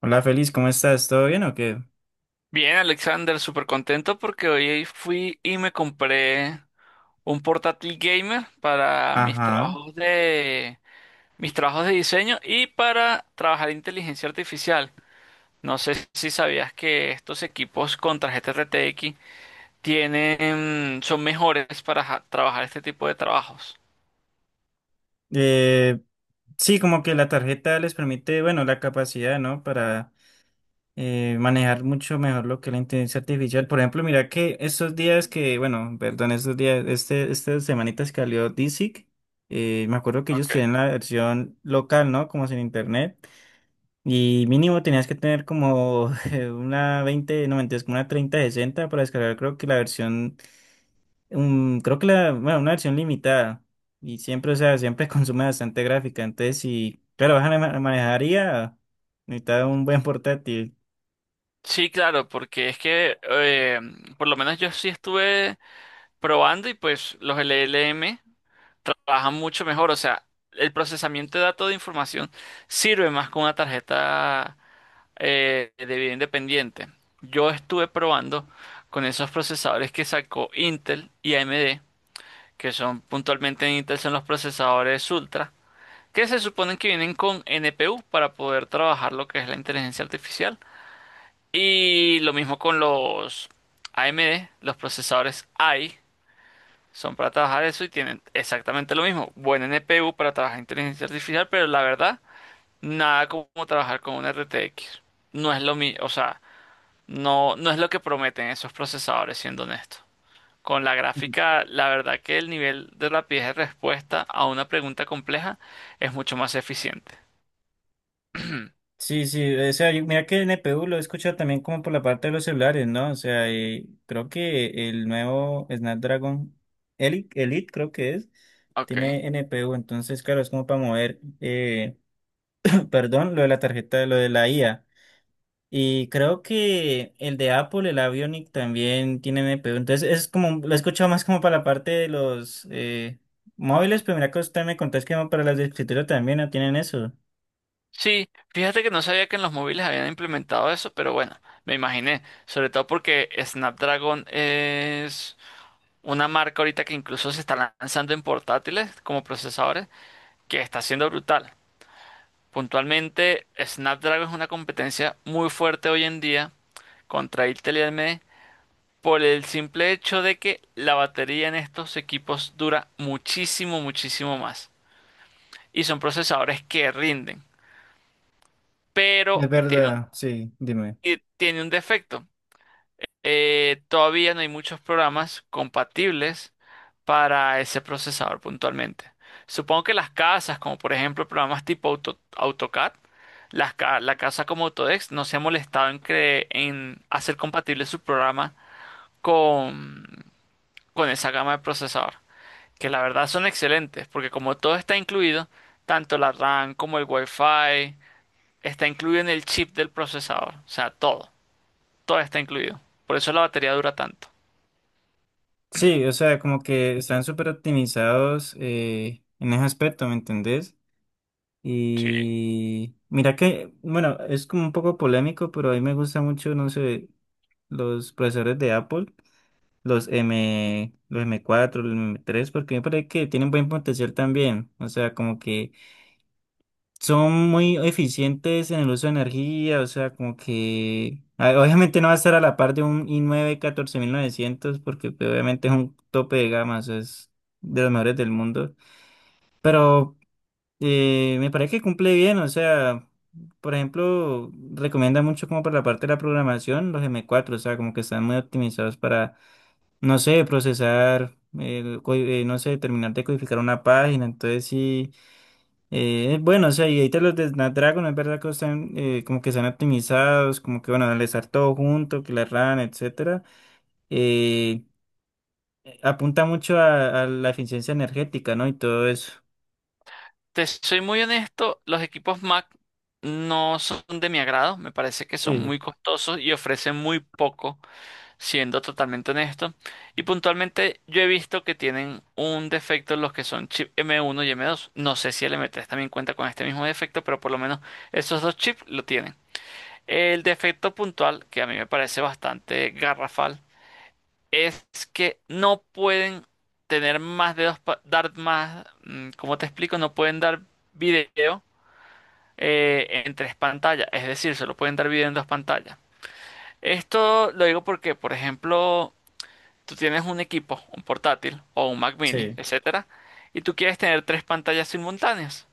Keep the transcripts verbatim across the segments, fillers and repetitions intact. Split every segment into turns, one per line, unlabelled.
Hola, Feliz, ¿cómo estás? ¿Todo bien o qué?
Bien, Alexander, súper contento porque hoy fui y me compré un portátil gamer para mis
Ajá.
trabajos de mis trabajos de diseño y para trabajar inteligencia artificial. No sé si sabías que estos equipos con tarjeta R T X tienen, mm, son mejores para ja- trabajar este tipo de trabajos.
Eh, sí, como que la tarjeta les permite, bueno, la capacidad, ¿no? Para eh, manejar mucho mejor lo que es la inteligencia artificial. Por ejemplo, mira que estos días que, bueno, perdón, estos días, este, estas semanitas que salió DeepSeek. Eh, me acuerdo que ellos
Okay.
tenían la versión local, ¿no? Como sin internet. Y mínimo tenías que tener como eh, una veinte, no mentiras, como una treinta, sesenta para descargar, creo que la versión. Mm, creo que la, bueno, una versión limitada. Y siempre, o sea, siempre consume bastante gráfica. Entonces, si, claro, vas a ma- manejaría, necesitas un buen portátil.
Sí, claro, porque es que eh, por lo menos yo sí estuve probando y pues los L L M trabajan mucho mejor. O sea, el procesamiento de datos de información sirve más con una tarjeta eh, de video independiente. Yo estuve probando con esos procesadores que sacó Intel y A M D, que son puntualmente en Intel son los procesadores Ultra, que se suponen que vienen con N P U para poder trabajar lo que es la inteligencia artificial. Y lo mismo con los A M D, los procesadores A I. Son para trabajar eso y tienen exactamente lo mismo. Buen N P U para trabajar inteligencia artificial, pero la verdad, nada como trabajar con un R T X. No es lo mismo, o sea, no, no es lo que prometen esos procesadores, siendo honesto. Con la
Ujú.
gráfica, la verdad que el nivel de rapidez de respuesta a una pregunta compleja es mucho más eficiente.
Sí, sí, o sea, yo- mira que el N P U lo he escuchado también como por la parte de los celulares, ¿no? O sea, eh, creo que el nuevo Snapdragon Elite, Elite creo que es,
Ok.
tiene N P U. Entonces, claro, es como para mover, eh, perdón, lo de la tarjeta, lo de la I A. Y creo que el de Apple, el Avionic, también tiene N P U. Entonces es como, lo he escuchado más como para la parte de los eh, móviles, pero mira que usted me contó es que para las de escritorio también no tienen eso.
Sí, fíjate que no sabía que en los móviles habían implementado eso, pero bueno, me imaginé, sobre todo porque Snapdragon es una marca ahorita que incluso se está lanzando en portátiles como procesadores, que está siendo brutal. Puntualmente, Snapdragon es una competencia muy fuerte hoy en día contra Intel y A M D por el simple hecho de que la batería en estos equipos dura muchísimo, muchísimo más. Y son procesadores que rinden,
Es
pero tiene un,
verdad, sí, dime.
tiene un defecto. Eh, todavía no hay muchos programas compatibles para ese procesador puntualmente. Supongo que las casas, como por ejemplo programas tipo Auto- AutoCAD, las ca- la casa como Autodesk no se ha molestado en, cre- en hacer compatible su programa con, con esa gama de procesador, que la verdad son excelentes, porque como todo está incluido, tanto la RAM como el Wi-Fi, está incluido en el chip del procesador, o sea, todo, todo está incluido. Por eso la batería dura tanto.
Sí, o sea, como que están súper optimizados eh, en ese aspecto, ¿me entendés?
Sí.
Y mira que, bueno, es como un poco polémico, pero a mí me gusta mucho, no sé, los procesadores de Apple. Los M, los m cuatro, los m tres, porque me parece que tienen buen potencial también. O sea, como que son muy eficientes en el uso de energía. O sea, como que ah, obviamente no va a estar a la par de un i nueve catorce mil novecientos, porque pues, obviamente es un tope de gama, o sea, es de los mejores del mundo. Pero eh, me parece que cumple bien. O sea, por ejemplo, recomienda mucho como para la parte de la programación los m cuatro. O sea, como que están muy optimizados para no sé, procesar, eh, co- eh, no sé, terminar de codificar una página. Entonces sí, eh, es bueno. O sea, y ahorita los de Snapdragon, es verdad que están eh, como que están optimizados, como que bueno, al estar todo junto, que la RAM, etcétera, eh, apunta mucho a, a la eficiencia energética, ¿no? Y todo eso.
Te soy muy honesto, los equipos Mac no son de mi agrado, me parece que son
Sí,
muy costosos y ofrecen muy poco, siendo totalmente honesto. Y puntualmente yo he visto que tienen un defecto los que son chip M uno y M dos. No sé si el M tres también cuenta con este mismo defecto, pero por lo menos esos dos chips lo tienen. El defecto puntual, que a mí me parece bastante garrafal, es que no pueden tener más de dos, pa- dar más, mm, ¿cómo te explico? No pueden dar video eh, en tres pantallas, es decir, se lo pueden dar video en dos pantallas. Esto lo digo porque, por ejemplo, tú tienes un equipo, un portátil o un Mac Mini,
sí,
etcétera, y tú quieres tener tres pantallas simultáneas.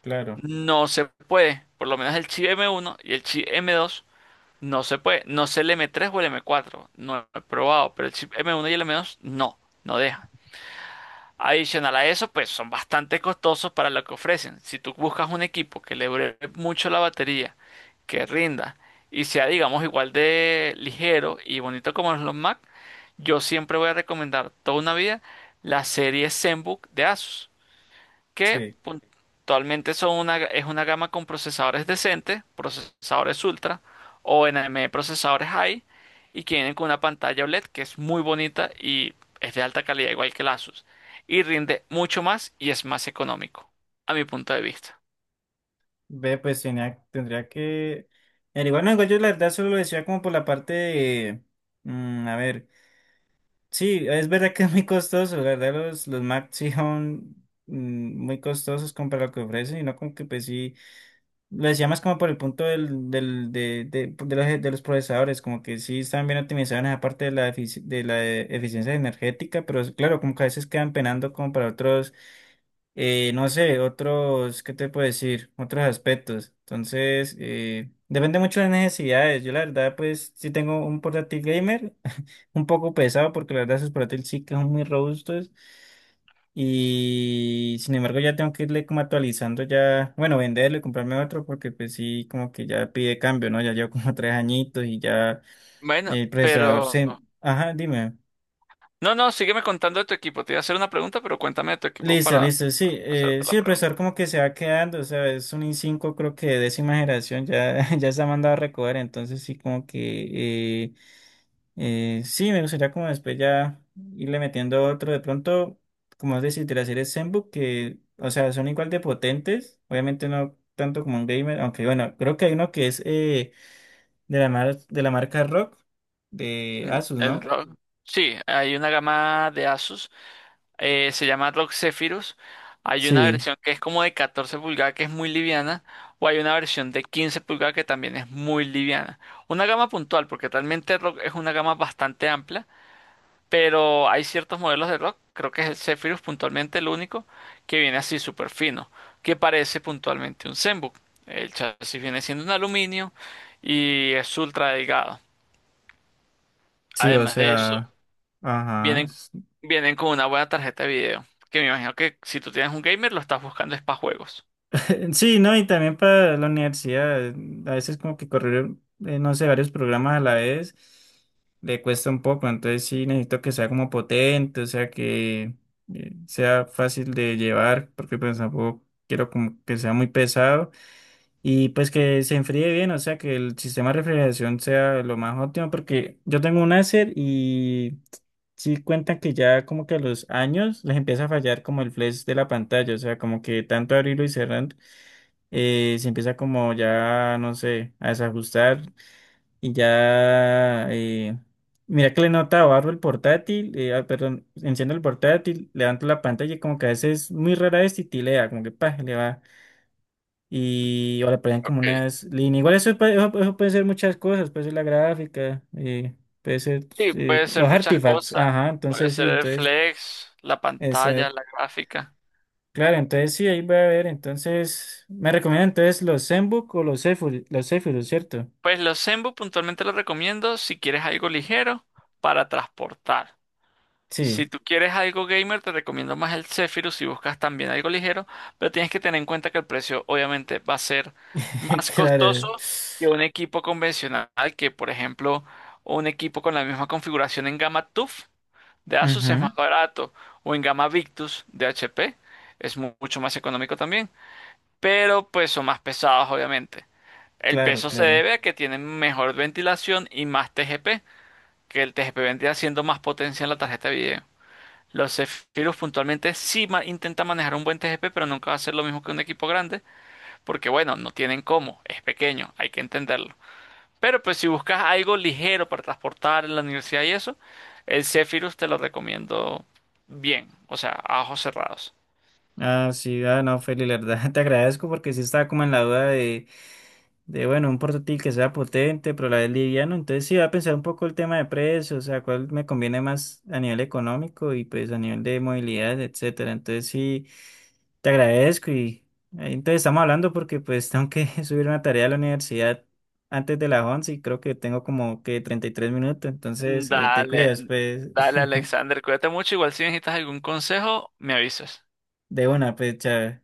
claro,
No se puede, por lo menos el chip M uno y el chip M dos no se puede. No sé el M tres o el M cuatro, no he probado, pero el chip M uno y el M dos no, no deja. Adicional a eso, pues son bastante costosos para lo que ofrecen. Si tú buscas un equipo que le dure mucho la batería, que rinda y sea, digamos, igual de ligero y bonito como los Mac, yo siempre voy a recomendar toda una vida la serie ZenBook de Asus, que
sí.
puntualmente son una, es una gama con procesadores decentes, procesadores ultra o N M E procesadores high, y que vienen con una pantalla O LED que es muy bonita y es de alta calidad igual que el Asus, y rinde mucho más y es más económico a mi punto de vista.
Ve, pues tenía, tendría que... Pero igual, no, igual yo la verdad solo lo decía como por la parte de... mm, A ver. Sí, es verdad que es muy costoso, la verdad los, los Macs sí son mm, muy costosos comparado a lo que ofrecen, y no como que pues sí, lo decía más como por el punto del, del, de, de, de los, de los procesadores, como que sí están bien optimizados en esa parte de la, efici- de la eficiencia energética, pero es- claro, como que a veces quedan penando como para otros, eh, no sé, otros, ¿qué te puedo decir? Otros aspectos. Entonces, eh, depende mucho de las necesidades. Yo la verdad pues sí tengo un portátil gamer un poco pesado, porque la verdad esos portátiles sí que son muy robustos, y sin embargo ya tengo que irle como actualizando, ya, bueno, venderlo y comprarme otro, porque pues sí, como que ya pide cambio, ¿no? Ya llevo como tres añitos y ya
Bueno,
el procesador
pero
se... Ajá, dime.
no, no, sígueme contando de tu equipo. Te iba a hacer una pregunta, pero cuéntame de tu equipo
Listo,
para
listo, sí, eh,
hacerte la
sí, el
pregunta.
procesador como que se va quedando, o sea, es un i cinco creo que de décima generación, ya, ya se ha mandado a recoger, entonces sí como que... eh, Eh, sí, me gustaría como después ya irle metiendo otro. De pronto, como es decir, de las series Zenbook, que, o sea, son igual de potentes. Obviamente no tanto como un gamer, aunque bueno, creo que hay uno que es eh, de la mar- de la marca Rock de
El
Asus,
el
¿no?
R O G. Sí, hay una gama de Asus. Eh, se llama R O G Zephyrus. Hay una
Sí,
versión que es como de catorce pulgadas que es muy liviana. O hay una versión de quince pulgadas que también es muy liviana. Una gama puntual, porque realmente R O G es una gama bastante amplia. Pero hay ciertos modelos de R O G. Creo que es el Zephyrus puntualmente el único que viene así súper fino. Que parece puntualmente un Zenbook. El chasis viene siendo un aluminio y es ultra delgado.
sí, o
Además de eso,
sea, ajá.
Vienen, vienen con una buena tarjeta de video. Que me imagino que si tú tienes un gamer, lo estás buscando es para juegos.
Sí, no, y también para la universidad, eh, a veces como que correr, eh, no sé, varios programas a la vez le cuesta un poco, entonces sí necesito que sea como potente, o sea, que eh, sea fácil de llevar, porque pues tampoco quiero como que sea muy pesado, y pues que se enfríe bien, o sea, que el sistema de refrigeración sea lo más óptimo, porque yo tengo un Acer y sí cuentan que ya como que a los años les empieza a fallar como el flash de la pantalla, o sea, como que tanto abrirlo y cerrar eh, se empieza como ya, no sé, a desajustar. Y ya, eh, mira que le nota, barro el portátil, eh, ah, perdón, enciendo el portátil, levanto la pantalla, y como que a veces muy rara vez titilea, como que pa, le va y o le ponen como
Ok.
unas líneas, igual eso, puede- eso, eso puede ser muchas cosas, puede ser la gráfica, eh, puede ser
Sí,
eh,
puede ser
los
muchas
artifacts,
cosas.
ajá,
Puede
entonces sí,
ser el
entonces,
flex, la
esa,
pantalla, la gráfica.
claro, entonces sí, ahí voy a ver, entonces, me recomiendan entonces los Zenbook o los Zephyrus, los Zephyrus, ¿cierto?
Pues los Zenbook puntualmente los recomiendo si quieres algo ligero para transportar.
Sí,
Si tú quieres algo gamer, te recomiendo más el Zephyrus si buscas también algo ligero, pero tienes que tener en cuenta que el precio obviamente va a ser más
claro.
costoso que un equipo convencional, que por ejemplo un equipo con la misma configuración en gama T U F de Asus es
Ujú.
más barato, o en gama Victus de H P es mu- mucho más económico también, pero pues son más pesados obviamente. El
Claro,
peso se
claro.
debe a que tienen mejor ventilación y más T G P, que el T G P vendría siendo más potencia en la tarjeta de video. Los Zephyrus puntualmente sí ma- intenta manejar un buen T G P, pero nunca va a ser lo mismo que un equipo grande, porque bueno, no tienen cómo, es pequeño, hay que entenderlo. Pero pues si buscas algo ligero para transportar en la universidad y eso, el Zephyrus te lo recomiendo bien, o sea, a ojos cerrados.
Ah, sí, ah, no, Feli, la verdad te agradezco porque sí estaba como en la duda de, de, bueno, un portátil que sea potente, pero a la vez liviano. Entonces sí, voy a pensar un poco el tema de precio, o sea, cuál me conviene más a nivel económico y pues a nivel de movilidad, etcétera. Entonces sí, te agradezco, y ahí entonces estamos hablando porque pues tengo que subir una tarea a la universidad antes de las once, y creo que tengo como que treinta y tres minutos. Entonces eh, te
Dale,
cuidas, pues,
dale Alexander, cuídate mucho, igual si necesitas algún consejo, me avisas.
de una, pues, chao.